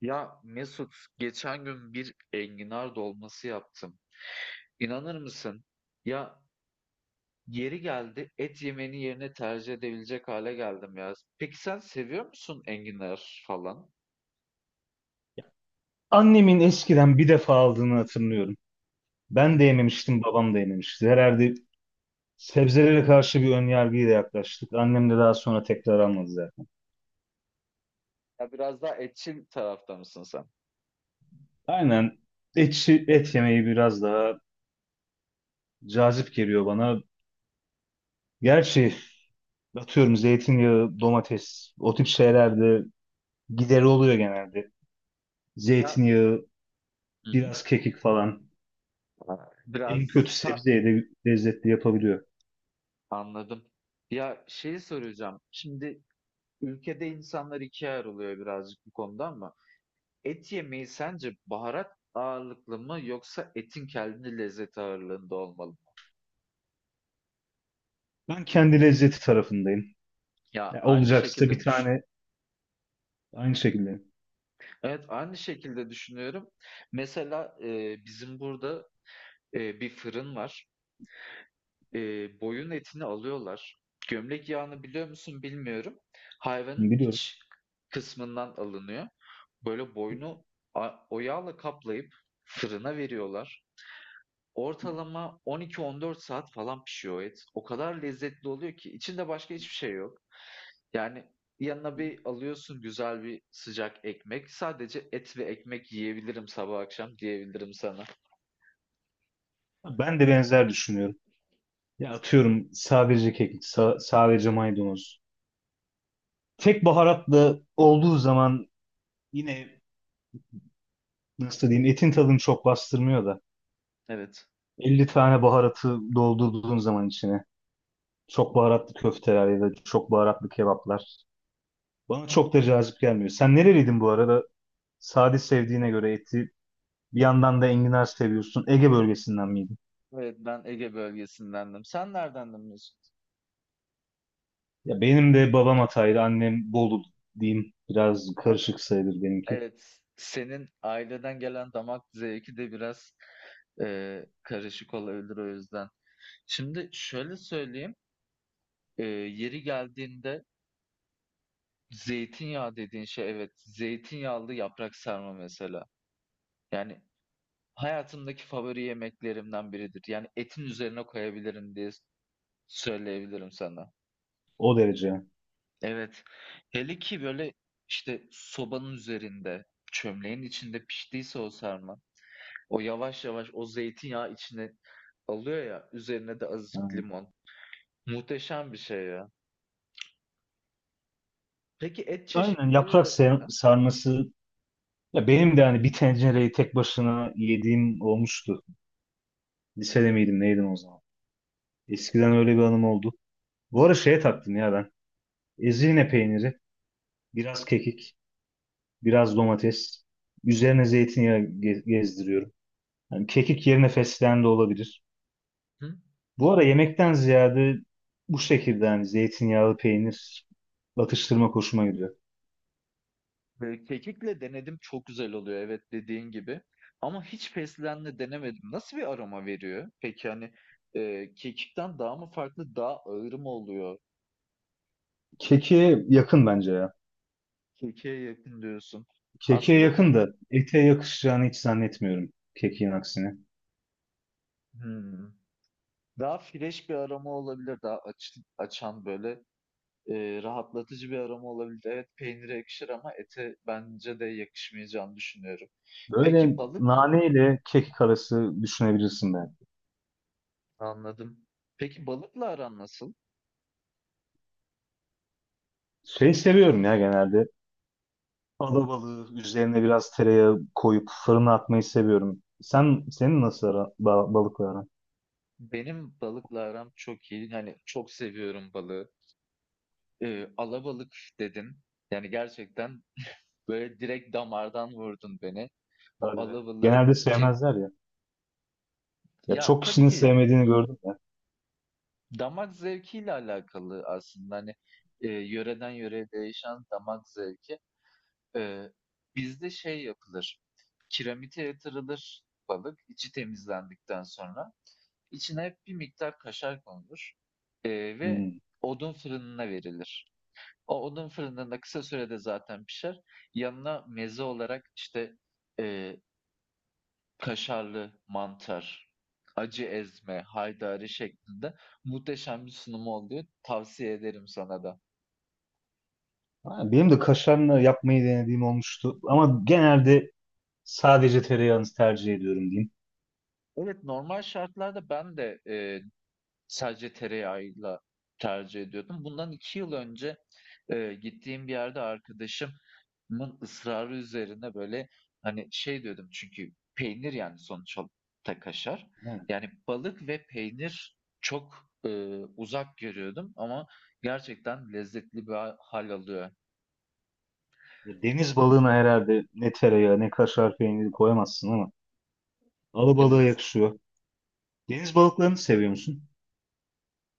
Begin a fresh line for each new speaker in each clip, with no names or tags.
Ya Mesut geçen gün bir enginar dolması yaptım. İnanır mısın? Ya yeri geldi et yemeni yerine tercih edebilecek hale geldim ya. Peki sen seviyor musun enginar falan?
Annemin eskiden bir defa aldığını hatırlıyorum.
Hı
Ben de
hı.
yememiştim, babam da yememişti. Herhalde sebzelere karşı bir önyargıyla yaklaştık. Annem de daha sonra tekrar almadı zaten.
Ya biraz daha etçil tarafta mısın sen?
Aynen, et yemeği biraz daha cazip geliyor bana. Gerçi atıyorum zeytinyağı, domates, o tip şeylerde gideri oluyor genelde.
Ya
Zeytinyağı,
hı hı,
biraz kekik falan. En
biraz
kötü
ka
sebzeyi de lezzetli yapabiliyor.
anladım. Ya şeyi soracağım. Şimdi ülkede insanlar ikiye ayrılıyor birazcık bu konuda ama et yemeği sence baharat ağırlıklı mı yoksa etin kendi lezzet ağırlığında olmalı mı?
Ben kendi lezzeti tarafındayım.
Ya
Ya
aynı
olacaksa bir
şekilde düşün.
tane aynı şekilde.
Evet aynı şekilde düşünüyorum. Mesela bizim burada bir fırın var. E, boyun etini alıyorlar. Gömlek yağını biliyor musun bilmiyorum. Hayvanın
Biliyorum.
iç kısmından alınıyor. Böyle boynu o yağla kaplayıp fırına veriyorlar. Ortalama 12-14 saat falan pişiyor o et. O kadar lezzetli oluyor ki içinde başka hiçbir şey yok. Yani yanına bir alıyorsun güzel bir sıcak ekmek. Sadece et ve ekmek yiyebilirim sabah akşam diyebilirim sana.
Ben de benzer düşünüyorum. Ya atıyorum sadece kekik, sadece maydanoz. Tek baharatlı olduğu zaman yine nasıl diyeyim etin tadını çok bastırmıyor da
Evet.
50 tane baharatı doldurduğun zaman içine çok baharatlı köfteler ya da çok baharatlı kebaplar bana çok da cazip gelmiyor. Sen nereliydin bu arada? Sade sevdiğine göre eti bir yandan da enginar seviyorsun. Ege bölgesinden miydin?
Evet, ben Ege bölgesindendim. Sen neredendin Mesut?
Ya benim de babam Hataylı, annem Bolu diyeyim. Biraz
Ha,
karışık sayılır benimki.
evet. Senin aileden gelen damak zevki de biraz karışık olabilir o yüzden. Şimdi şöyle söyleyeyim. Yeri geldiğinde zeytinyağı dediğin şey, evet. Zeytinyağlı yaprak sarma mesela. Yani hayatımdaki favori yemeklerimden biridir. Yani etin üzerine koyabilirim diye söyleyebilirim sana.
O derece, yani.
Evet. Hele ki böyle işte sobanın üzerinde, çömleğin içinde piştiyse o sarma. O yavaş yavaş o zeytinyağı içine alıyor ya. Üzerine de
Ha.
azıcık limon. Muhteşem bir şey ya. Peki et
Aynen
çeşitleri
yaprak
arasında?
sarması, ya benim de hani bir tencereyi tek başına yediğim olmuştu. Lisede miydim neydim o zaman. Eskiden öyle bir anım oldu. Bu ara şeye taktım ya ben. Ezine peyniri, biraz kekik, biraz domates. Üzerine zeytinyağı gezdiriyorum. Yani kekik yerine fesleğen de olabilir.
Hı?
Bu ara yemekten ziyade bu şekilde hani zeytinyağlı peynir atıştırma hoşuma gidiyor.
Kekikle denedim, çok güzel oluyor, evet, dediğin gibi. Ama hiç fesleğenle denemedim. Nasıl bir aroma veriyor? Peki hani kekikten daha mı farklı, daha ağır mı oluyor?
Keki yakın bence ya.
Kekiğe yakın diyorsun.
Keke
Aslında da
yakın da ete yakışacağını hiç zannetmiyorum kekin aksine.
hmm, daha fresh bir aroma olabilir. Daha açan böyle rahatlatıcı bir aroma olabilir. Evet, peynire yakışır ama ete bence de yakışmayacağını düşünüyorum. Peki
Böyle
balık
nane ile kekik arası düşünebilirsin ben.
anladım. Peki balıkla aran nasıl?
Şey seviyorum ya genelde. Alabalığı üzerine biraz tereyağı koyup fırına atmayı seviyorum. Senin nasıl balıkla aran?
Benim balıkla aram çok iyi. Hani çok seviyorum balığı. Alabalık dedin. Yani gerçekten böyle direkt damardan vurdun beni. O
Hadi be.
alabalığı
Genelde
kim...
sevmezler ya. Ya
Ya
çok
tabii
kişinin
ki
sevmediğini gördüm ya.
damak zevkiyle alakalı aslında. Hani yöreden yöreye değişen damak zevki. Ee, Bizde şey yapılır. Kiremite yatırılır balık içi temizlendikten sonra. İçine hep bir miktar kaşar konulur. Ee, ve
Hmm.
odun fırınına verilir. O odun fırınında kısa sürede zaten pişer. Yanına meze olarak işte eee, kaşarlı mantar, acı ezme, haydari şeklinde muhteşem bir sunumu oluyor. Tavsiye ederim sana da.
Ha, benim de kaşarla yapmayı denediğim olmuştu. Ama genelde sadece tereyağını tercih ediyorum diyeyim.
Evet, normal şartlarda ben de sadece tereyağıyla tercih ediyordum. Bundan 2 yıl önce, gittiğim bir yerde arkadaşımın ısrarı üzerine, böyle, hani, şey diyordum çünkü peynir, yani, sonuç olarak da kaşar.
Yani,
Yani, balık ve peynir çok, uzak görüyordum ama gerçekten lezzetli bir hâl alıyor.
ya deniz balığına herhalde ne tereyağı ne kaşar peyniri koyamazsın ama alabalığa
Evet.
yakışıyor. Deniz balıklarını seviyor musun?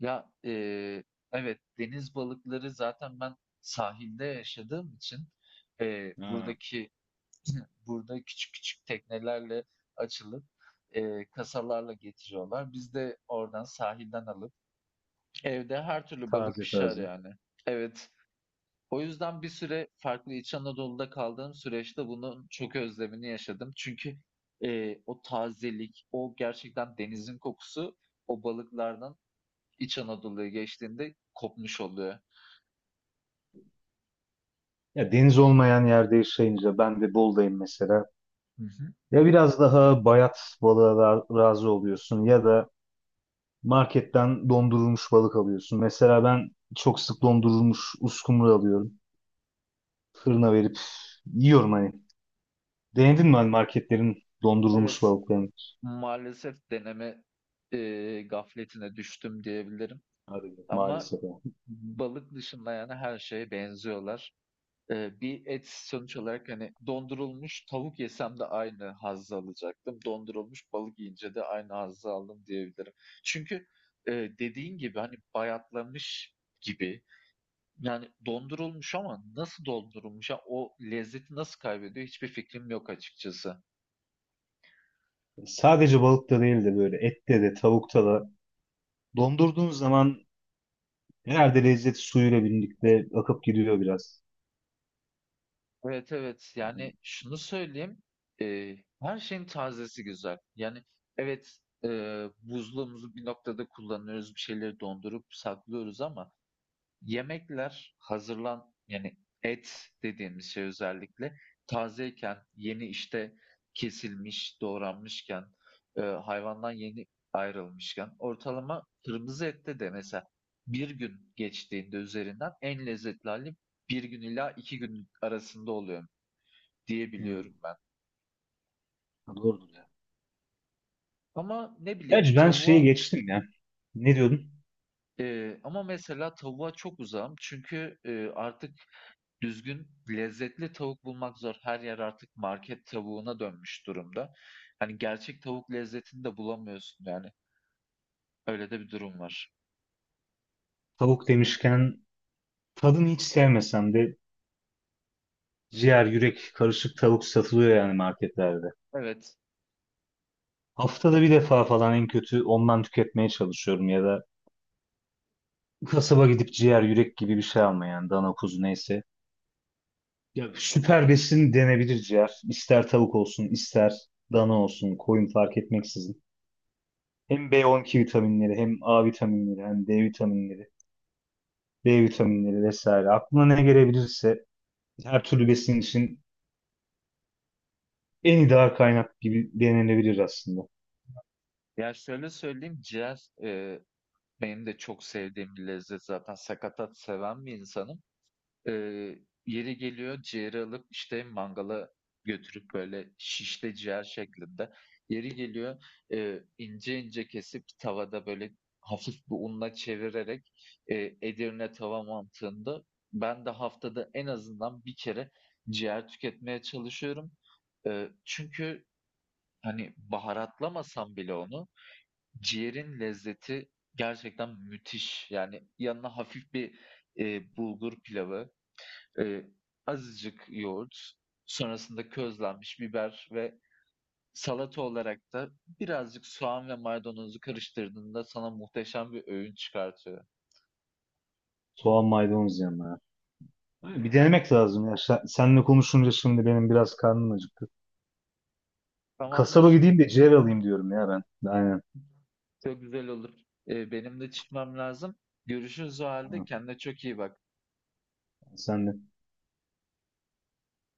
Ya, evet, deniz balıkları zaten ben sahilde yaşadığım için,
Ha.
buradaki burada küçük küçük teknelerle açılıp, kasalarla getiriyorlar. Biz de oradan sahilden alıp evde her türlü balık
Taze
pişer
taze.
yani. Evet. O yüzden bir süre farklı İç Anadolu'da kaldığım süreçte bunun çok özlemini yaşadım. Çünkü, o tazelik, o gerçekten denizin kokusu o balıklardan İç Anadolu'ya geçtiğinde kopmuş oluyor.
Ya deniz olmayan yerde yaşayınca ben de Bolu'dayım mesela.
Hı hı.
Ya biraz daha bayat balığa razı oluyorsun ya da marketten dondurulmuş balık alıyorsun. Mesela ben çok sık dondurulmuş uskumru alıyorum. Fırına verip yiyorum hani. Denedin mi hani marketlerin dondurulmuş
Evet,
balıklarını?
maalesef deneme, gafletine düştüm diyebilirim.
Hadi be,
Ama
maalesef.
balık dışında yani her şeye benziyorlar. Bir et sonuç olarak, hani dondurulmuş tavuk yesem de aynı hazzı alacaktım. Dondurulmuş balık yiyince de aynı hazzı aldım diyebilirim. Çünkü e, dediğin gibi hani bayatlamış gibi, yani dondurulmuş ama nasıl dondurulmuş ya, o lezzeti nasıl kaybediyor hiçbir fikrim yok açıkçası.
Sadece balıkta değil de böyle ette de tavukta da dondurduğunuz zaman herhalde lezzet suyuyla birlikte akıp gidiyor biraz.
Evet, evet. Yani şunu söyleyeyim, her şeyin tazesi güzel. Yani evet, buzluğumuzu bir noktada kullanıyoruz, bir şeyleri dondurup saklıyoruz ama yemekler hazırlan, yani et dediğimiz şey özellikle tazeyken, yeni işte kesilmiş, doğranmışken, hayvandan yeni ayrılmışken, ortalama kırmızı ette de mesela bir gün geçtiğinde üzerinden en lezzetli hali bir gün ila iki gün arasında oluyor
Hmm.
diyebiliyorum ben.
Ha, doğrudur ya.
Ama ne bileyim
Gerçi ben şeyi
tavuğa
geçtim ya. Ne diyordun?
ama mesela tavuğa çok uzağım çünkü artık düzgün lezzetli tavuk bulmak zor. Her yer artık market tavuğuna dönmüş durumda. Hani gerçek tavuk lezzetini de bulamıyorsun yani. Öyle de bir durum var.
Tavuk demişken tadını hiç sevmesem de ciğer, yürek, karışık tavuk satılıyor yani marketlerde.
Evet.
Haftada bir defa falan en kötü ondan tüketmeye çalışıyorum ya da kasaba gidip ciğer, yürek gibi bir şey almaya yani, dana kuzu neyse. Ya süper besin denebilir ciğer. İster tavuk olsun, ister dana olsun, koyun fark etmeksizin. Hem B12 vitaminleri, hem A vitaminleri, hem D vitaminleri, B vitaminleri vesaire. Aklına ne gelebilirse her türlü besin için en ideal kaynak gibi denenebilir aslında.
Ya şöyle söyleyeyim, ciğer benim de çok sevdiğim bir lezzet zaten. Sakatat seven bir insanım. Eee, Yeri geliyor ciğeri alıp, işte, mangala götürüp, böyle, şişte ciğer şeklinde, yeri geliyor, ince ince kesip tavada, böyle, hafif bir unla çevirerek, Edirne tava mantığında ben de haftada en azından bir kere ciğer tüketmeye çalışıyorum. Çünkü, hani, baharatlamasam bile onu, ciğerin lezzeti gerçekten müthiş. Yani yanına hafif bir, bulgur pilavı, Eee, azıcık yoğurt, sonrasında közlenmiş biber ve salata olarak da birazcık soğan ve maydanozu karıştırdığında sana muhteşem bir öğün çıkartıyor.
Soğan maydanoz yanına. Ha, bir denemek lazım ya. Sen, seninle konuşunca şimdi benim biraz karnım acıktı. Kasaba
Tamamdır.
gideyim de ciğer alayım diyorum ya ben. Aynen.
Çok güzel olur. Benim de çıkmam lazım. Görüşürüz o halde.
Aynen.
Kendine çok iyi bak.
Sen de.